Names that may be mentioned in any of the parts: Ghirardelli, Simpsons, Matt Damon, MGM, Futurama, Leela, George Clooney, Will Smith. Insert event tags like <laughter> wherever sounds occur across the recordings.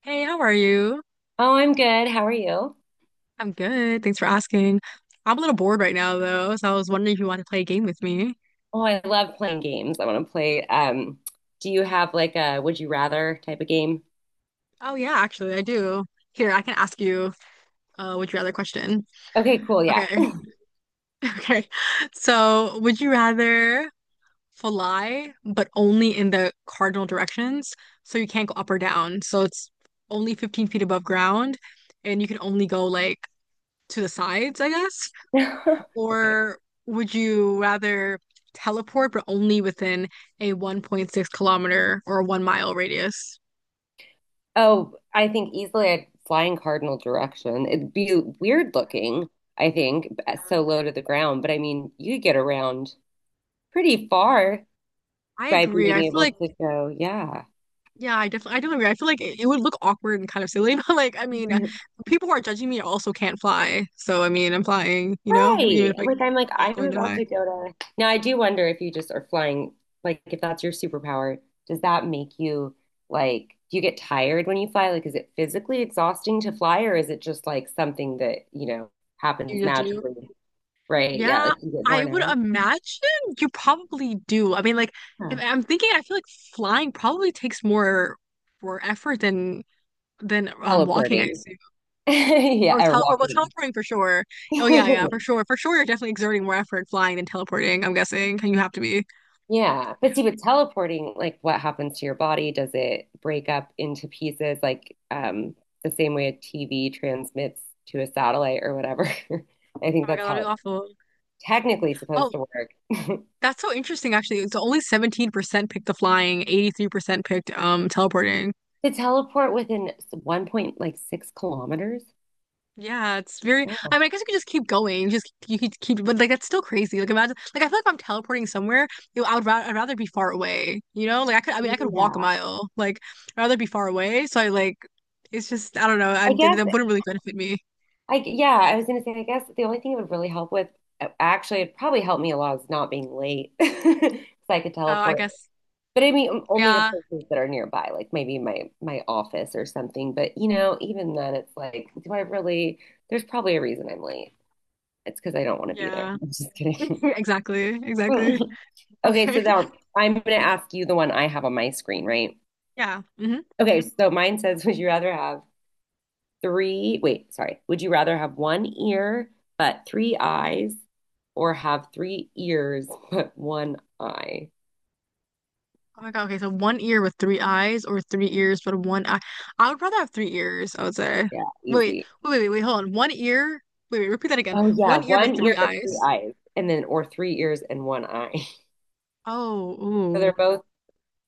Hey, how are you? Oh, I'm good. How are you? I'm good. Thanks for asking. I'm a little bored right now, though, so I was wondering if you want to play a game with me. Oh, I love playing games. I want to play. Do you have like a would you rather type of game? Oh, yeah, actually, I do. Here, I can ask you would you rather question. Okay, cool. Yeah. Okay. <laughs> Okay. So, would you rather fly, but only in the cardinal directions? So you can't go up or down. So it's only 15 feet above ground, and you can only go like to the sides, I guess. <laughs> Okay. Or would you rather teleport but only within a 1.6 kilometer or 1 mile radius? Oh, I think easily I'd fly in cardinal direction. It'd be weird looking, I think, so low to the ground, but I mean, you could get around pretty far I by agree. being I feel able like to go, yeah. yeah, I definitely I do agree. I feel like it would look awkward and kind of silly, <laughs> but like I mean, people who are judging me also can't fly. So I mean, I'm flying, you know, even Right. if I, I'm Like not I'm going that about high. to go to. Now I do wonder if you just are flying, like if that's your superpower, does that make you like do you get tired when you fly? Like is it physically exhausting to fly or is it just like something that, you know, happens You just do. magically? Right. Yeah, Yeah, like you get I worn would out. imagine you probably do. I mean, like if Huh. I'm thinking, I feel like flying probably takes more effort than walking, I Teleporting. assume. <laughs> Or Yeah, or tel or well, walking. teleporting for sure. Oh yeah, yeah, for <laughs> sure. For sure, you're definitely exerting more effort flying than teleporting, I'm guessing. You have to be. Yeah, Yeah. but see, with teleporting, like what happens to your body? Does it break up into pieces, the same way a TV transmits to a satellite or whatever? <laughs> I think Oh my God, that's that'd how be it's awful. technically supposed Oh, to work. <laughs> that's so interesting actually. It's only 17% picked the flying, 83% picked teleporting. To teleport within one point like 6 kilometers? Yeah, it's very Yeah. I mean, I guess you could just keep going. Just you could keep but like that's still crazy. Like imagine like I feel like if I'm teleporting somewhere, you know, I would ra I'd rather be far away. You know? Like I mean I could walk a Yeah. mile. Like I'd rather be far away. So I like it's just I don't know. I I guess That wouldn't really benefit me. I yeah, I was gonna say I guess the only thing it would really help with actually it'd probably help me a lot is not being late. <laughs> 'Cause I could Oh, I teleport. guess But I mean, only to yeah, places that are nearby, like maybe my office or something. But you know, even then, it's like, do I really? There's probably a reason I'm late. It's because I don't want to be there. yeah. <laughs> I'm just <laughs> kidding. Exactly, exactly. <laughs> Okay, Okay. so <laughs> now I'm going to ask you the one I have on my screen, right? Yeah. Okay, so mine says, would you rather have three? Wait, sorry. Would you rather have one ear but three eyes, or have three ears but one eye? Oh my God. Okay. So one ear with three eyes or three ears but one eye. I would rather have three ears, I would say. Yeah, Wait, easy. wait, wait, wait, wait, hold on. One ear. Wait, wait, repeat that again. Oh yeah, One ear but one three ear but three eyes. eyes, and then or three ears and one eye. <laughs> Oh, So they're ooh. both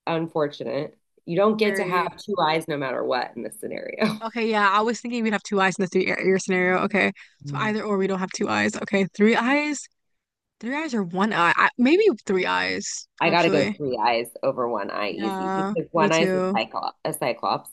unfortunate. You don't get to have Very. two eyes no matter what in this scenario. Okay, yeah. I was thinking we'd have two eyes in the three ear ear scenario. Okay. So Mm. either or we don't have two eyes. Okay. Three eyes. Three eyes or one eye. Maybe three eyes, <laughs> I got to go actually. three eyes over one eye easy Yeah, because me one eye is a too. Cyclops,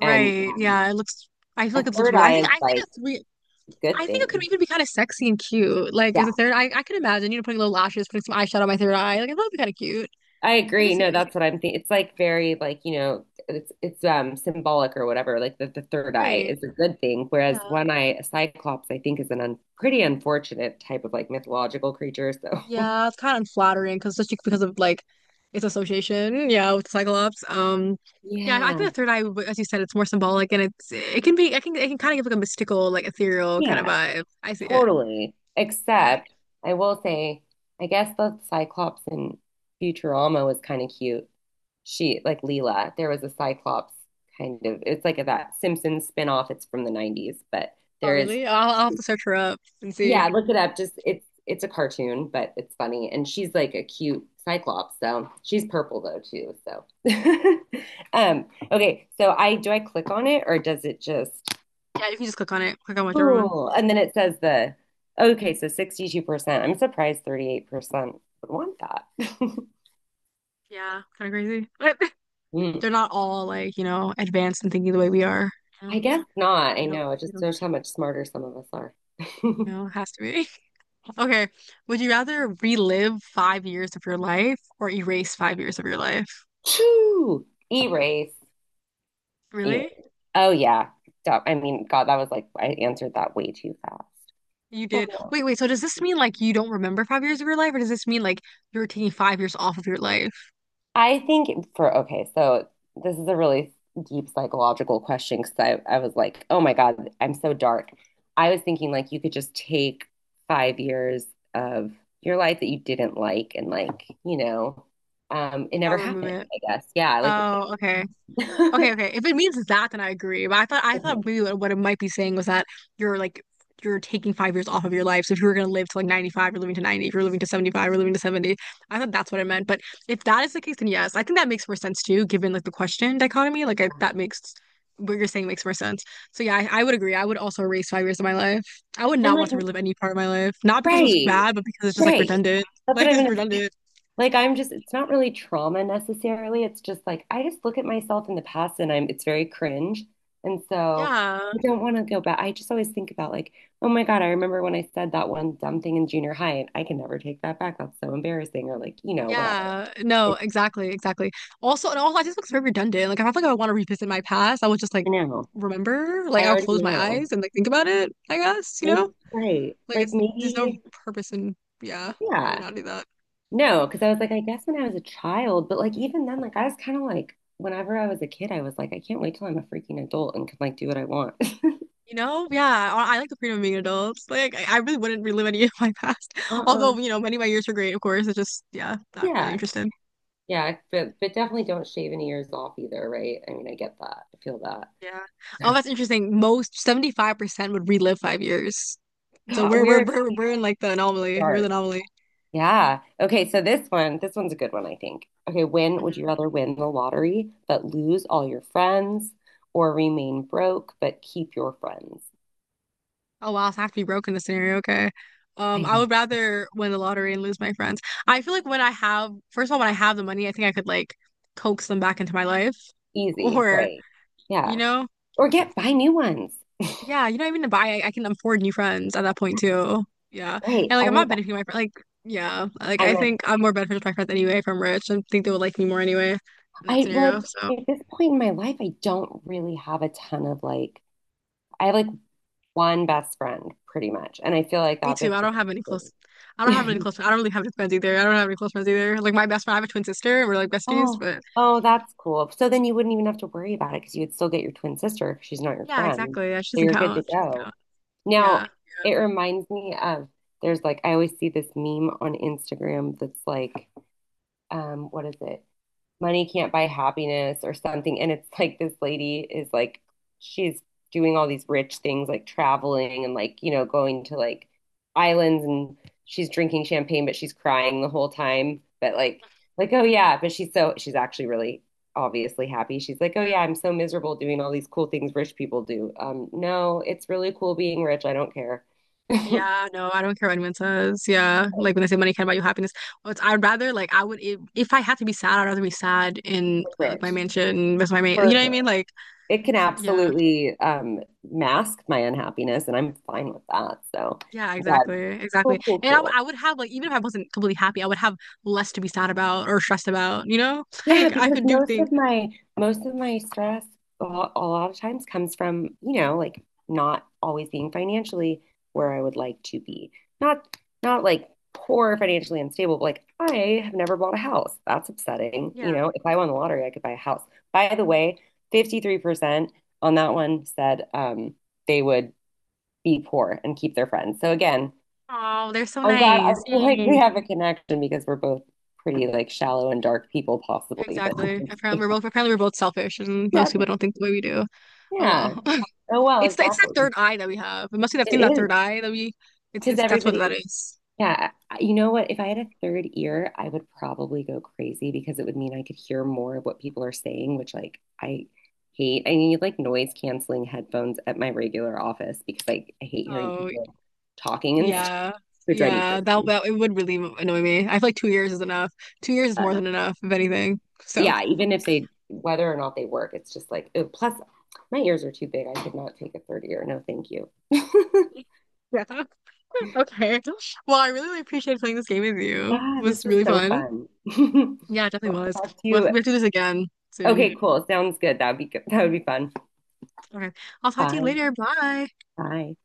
and um, Yeah, it looks I feel a like it looks third really eye is I think like a three a good I think it could thing. even be kind of sexy and cute. Like Yeah, as a third I could imagine, you know, putting little lashes, putting some eyeshadow on my third eye. Like I thought it'd be kind of cute. I I could agree. see No, it. that's what I'm thinking. It's like very like, you know, it's symbolic or whatever. Like the third eye Right. is a good thing, whereas Yeah. one eye, a cyclops, I think is an un pretty unfortunate type of like mythological creature. So Yeah, it's kind of unflattering because just because of like its association, yeah, with Cyclops. Yeah, I yeah, think the third eye, as you said, it's more symbolic and it can be I can it can kind of give like a mystical, like ethereal kind of yeah, vibe. I see it. totally. Yeah. Except I will say, I guess the cyclops in Futurama was kind of cute. She like Leela, there was a cyclops kind of. It's like a, that Simpsons spin off. It's from the 90s, but Oh, there is. really? I'll have to search her up and see. Yeah, look it up. Just it's a cartoon, but it's funny. And she's like a cute cyclops, so she's purple though too. So <laughs> um okay, so I do I click on it or does it just. Yeah, you can just click on it. Click on whichever one. Oh, and then it says the okay, so 62%. I'm surprised 38% would want that. Yeah, kind of crazy. But <laughs> Hmm, they're not all like, you know, advanced and thinking the way we are. Yeah, I guess not. I they don't, know. It they just don't, shows how much smarter some of us are. you <laughs> know, it has to be. <laughs> Okay. Would you rather relive 5 years of your life or erase 5 years of your life? Phew. Erase. Really? Erase. Oh yeah. Stop. I mean, God, that was like I answered that way too fast. You did. Wait, wait. So does this mean like you don't remember 5 years of your life, or does this mean like you're taking 5 years off of your life? I think for okay, so this is a really deep psychological question because I was like, oh my God, I'm so dark. I was thinking like you could just take 5 years of your life that you didn't like and like, you know, it I'll never remove happened, it. I guess. Yeah, like Oh, okay. it, Okay, okay. <laughs> If it means that, then I agree. But I thought maybe what it might be saying was that you're like you're taking 5 years off of your life. So if you were gonna live to like 95, you're living to 90. If you're living to 75, you're living to 70. I thought that's what it meant. But if that is the case, then yes, I think that makes more sense too, given like the question dichotomy. Like I, that makes what you're saying makes more sense. So yeah, I would agree. I would also erase 5 years of my life. I would and not want like to relive any part of my life. Not because it was right, bad, but because it's just like right. redundant. That's what Like I'm it's gonna. redundant. Like I'm just it's not really trauma necessarily. It's just like I just look at myself in the past and I'm it's very cringe. And so Yeah. I don't want to go back. I just always think about like, oh my God, I remember when I said that one dumb thing in junior high and I can never take that back. That's so embarrassing or like, you know, whatever. Yeah, no, It's exactly, exactly. Also, I just looks very redundant. Like, if I feel like I want to revisit my past, I would just like I know. remember, like, I I'll already close my know. eyes and like think about it, I guess, you Maybe, know? right. Like There's no maybe purpose in, yeah, I would yeah. not do that. No, because I was like, I guess when I was a child, but like even then, like I was kind of like, whenever I was a kid, I was like, I can't wait till I'm a freaking adult and can like do what I want. <laughs> You know? Yeah, I like the freedom of being adults. Like, I really wouldn't relive any <laughs> of my past. <laughs> Uh-uh. Although, you know, many of my years were great, of course. It's just, yeah, not really Yeah, interested. yeah, but definitely don't shave any ears off either, right? I mean, I get that. I feel that. Yeah. Oh, that's interesting. Most 75% would relive 5 years. So God, we're we're we're we're, we're in like the we anomaly. We're the dark. anomaly. Yeah. Okay, so this one, this one's a good one, I think. Okay, when would Mm-hmm. you rather win the lottery but lose all your friends or remain broke but keep your friends? Oh wow, so I have to be broke in this scenario. Okay. I I know. would rather win the lottery and lose my friends. I feel like when I have, first of all, when I have the money, I think I could like coax them back into my life. <laughs> Easy, Or, right? you Yeah. know, Or get buy new ones. yeah, you don't even need to buy. I can afford new friends at that point too. Yeah. Right. And like I'm not benefiting my friend. Like, yeah. Like I I'm a, think I'm more beneficial to my friends anyway if I'm rich. I think they would like me more anyway in that I well scenario. So at this point in my life, I don't really have a ton of like I have like one best friend, pretty much. And I feel like me that too. bitch was I <laughs> don't really have any friends either. I don't have any close friends either. Like my best friend, I have a twin sister, and we're like besties. Oh, But oh, that's cool. So then you wouldn't even have to worry about it because you would still get your twin sister because she's not your yeah, friend. exactly. Yeah, she So doesn't you're good to count. She doesn't go. count. Now, Yeah. it reminds me of there's like, I always see this meme on Instagram that's like, what is it? Money Can't Buy Happiness or something. And it's like this lady is like, she's doing all these rich things, like traveling and like, you know, going to like islands and she's drinking champagne, but she's crying the whole time. But like, oh yeah, but she's actually really obviously happy. She's like, oh yeah, I'm so miserable doing all these cool things rich people do. No, it's really cool being rich. I don't care. Yeah, no, I don't care what anyone says. Yeah. Like when they <laughs> say money can't buy you happiness. Well, it's, I'd rather like I would if I had to be sad, I'd rather be sad in like my Rich, mansion with my mate. You for know what I mean? sure. Like It can yeah. absolutely mask my unhappiness, and I'm fine with that. So, Yeah, but exactly. Exactly. cool, cool, And cool. I would have like even if I wasn't completely happy, I would have less to be sad about or stressed about, you know? <laughs> Yeah, Like I because could do things. Most of my stress a lot of times comes from, you know, like not always being financially where I would like to be. Not Not like poor financially unstable, but like I have never bought a house. That's upsetting. Yeah. You know, if I won the lottery, I could buy a house. By the way, 53% on that one said they would be poor and keep their friends. So again, Oh, they're so I'm glad I nice. feel like Yay. we have a connection because we're both pretty like shallow and dark people possibly, but <laughs> Apparently we're both selfish and yeah. most people don't think the way we do. Oh well. Yeah. Oh well, It's that exactly. third eye that we have. We must be have It seen that is third eye that we. It's because it's that's what that everybody is. yeah, you know what? If I had a third ear, I would probably go crazy because it would mean I could hear more of what people are saying, which like I hate. I need like noise canceling headphones at my regular office because like I hate hearing Oh people talking and stuff. yeah, It would drive me yeah. Crazy. That it would really annoy me. I feel like 2 years is enough. 2 years is But more than enough, if anything. So yeah, even if they, whether or not they work, it's just like, oh, plus my ears are too big. I could not take a third ear. No, thank you. <laughs> yeah. <laughs> Okay. Well, I really, really appreciated playing this game with you. It Yeah, was this was really so fun. fun. Yeah, it <laughs> I'll definitely was. talk to you. We have to do this again soon. Okay, cool. Sounds good. That would be good. That would be fun. Okay. I'll talk to you Bye. later. Bye. Bye.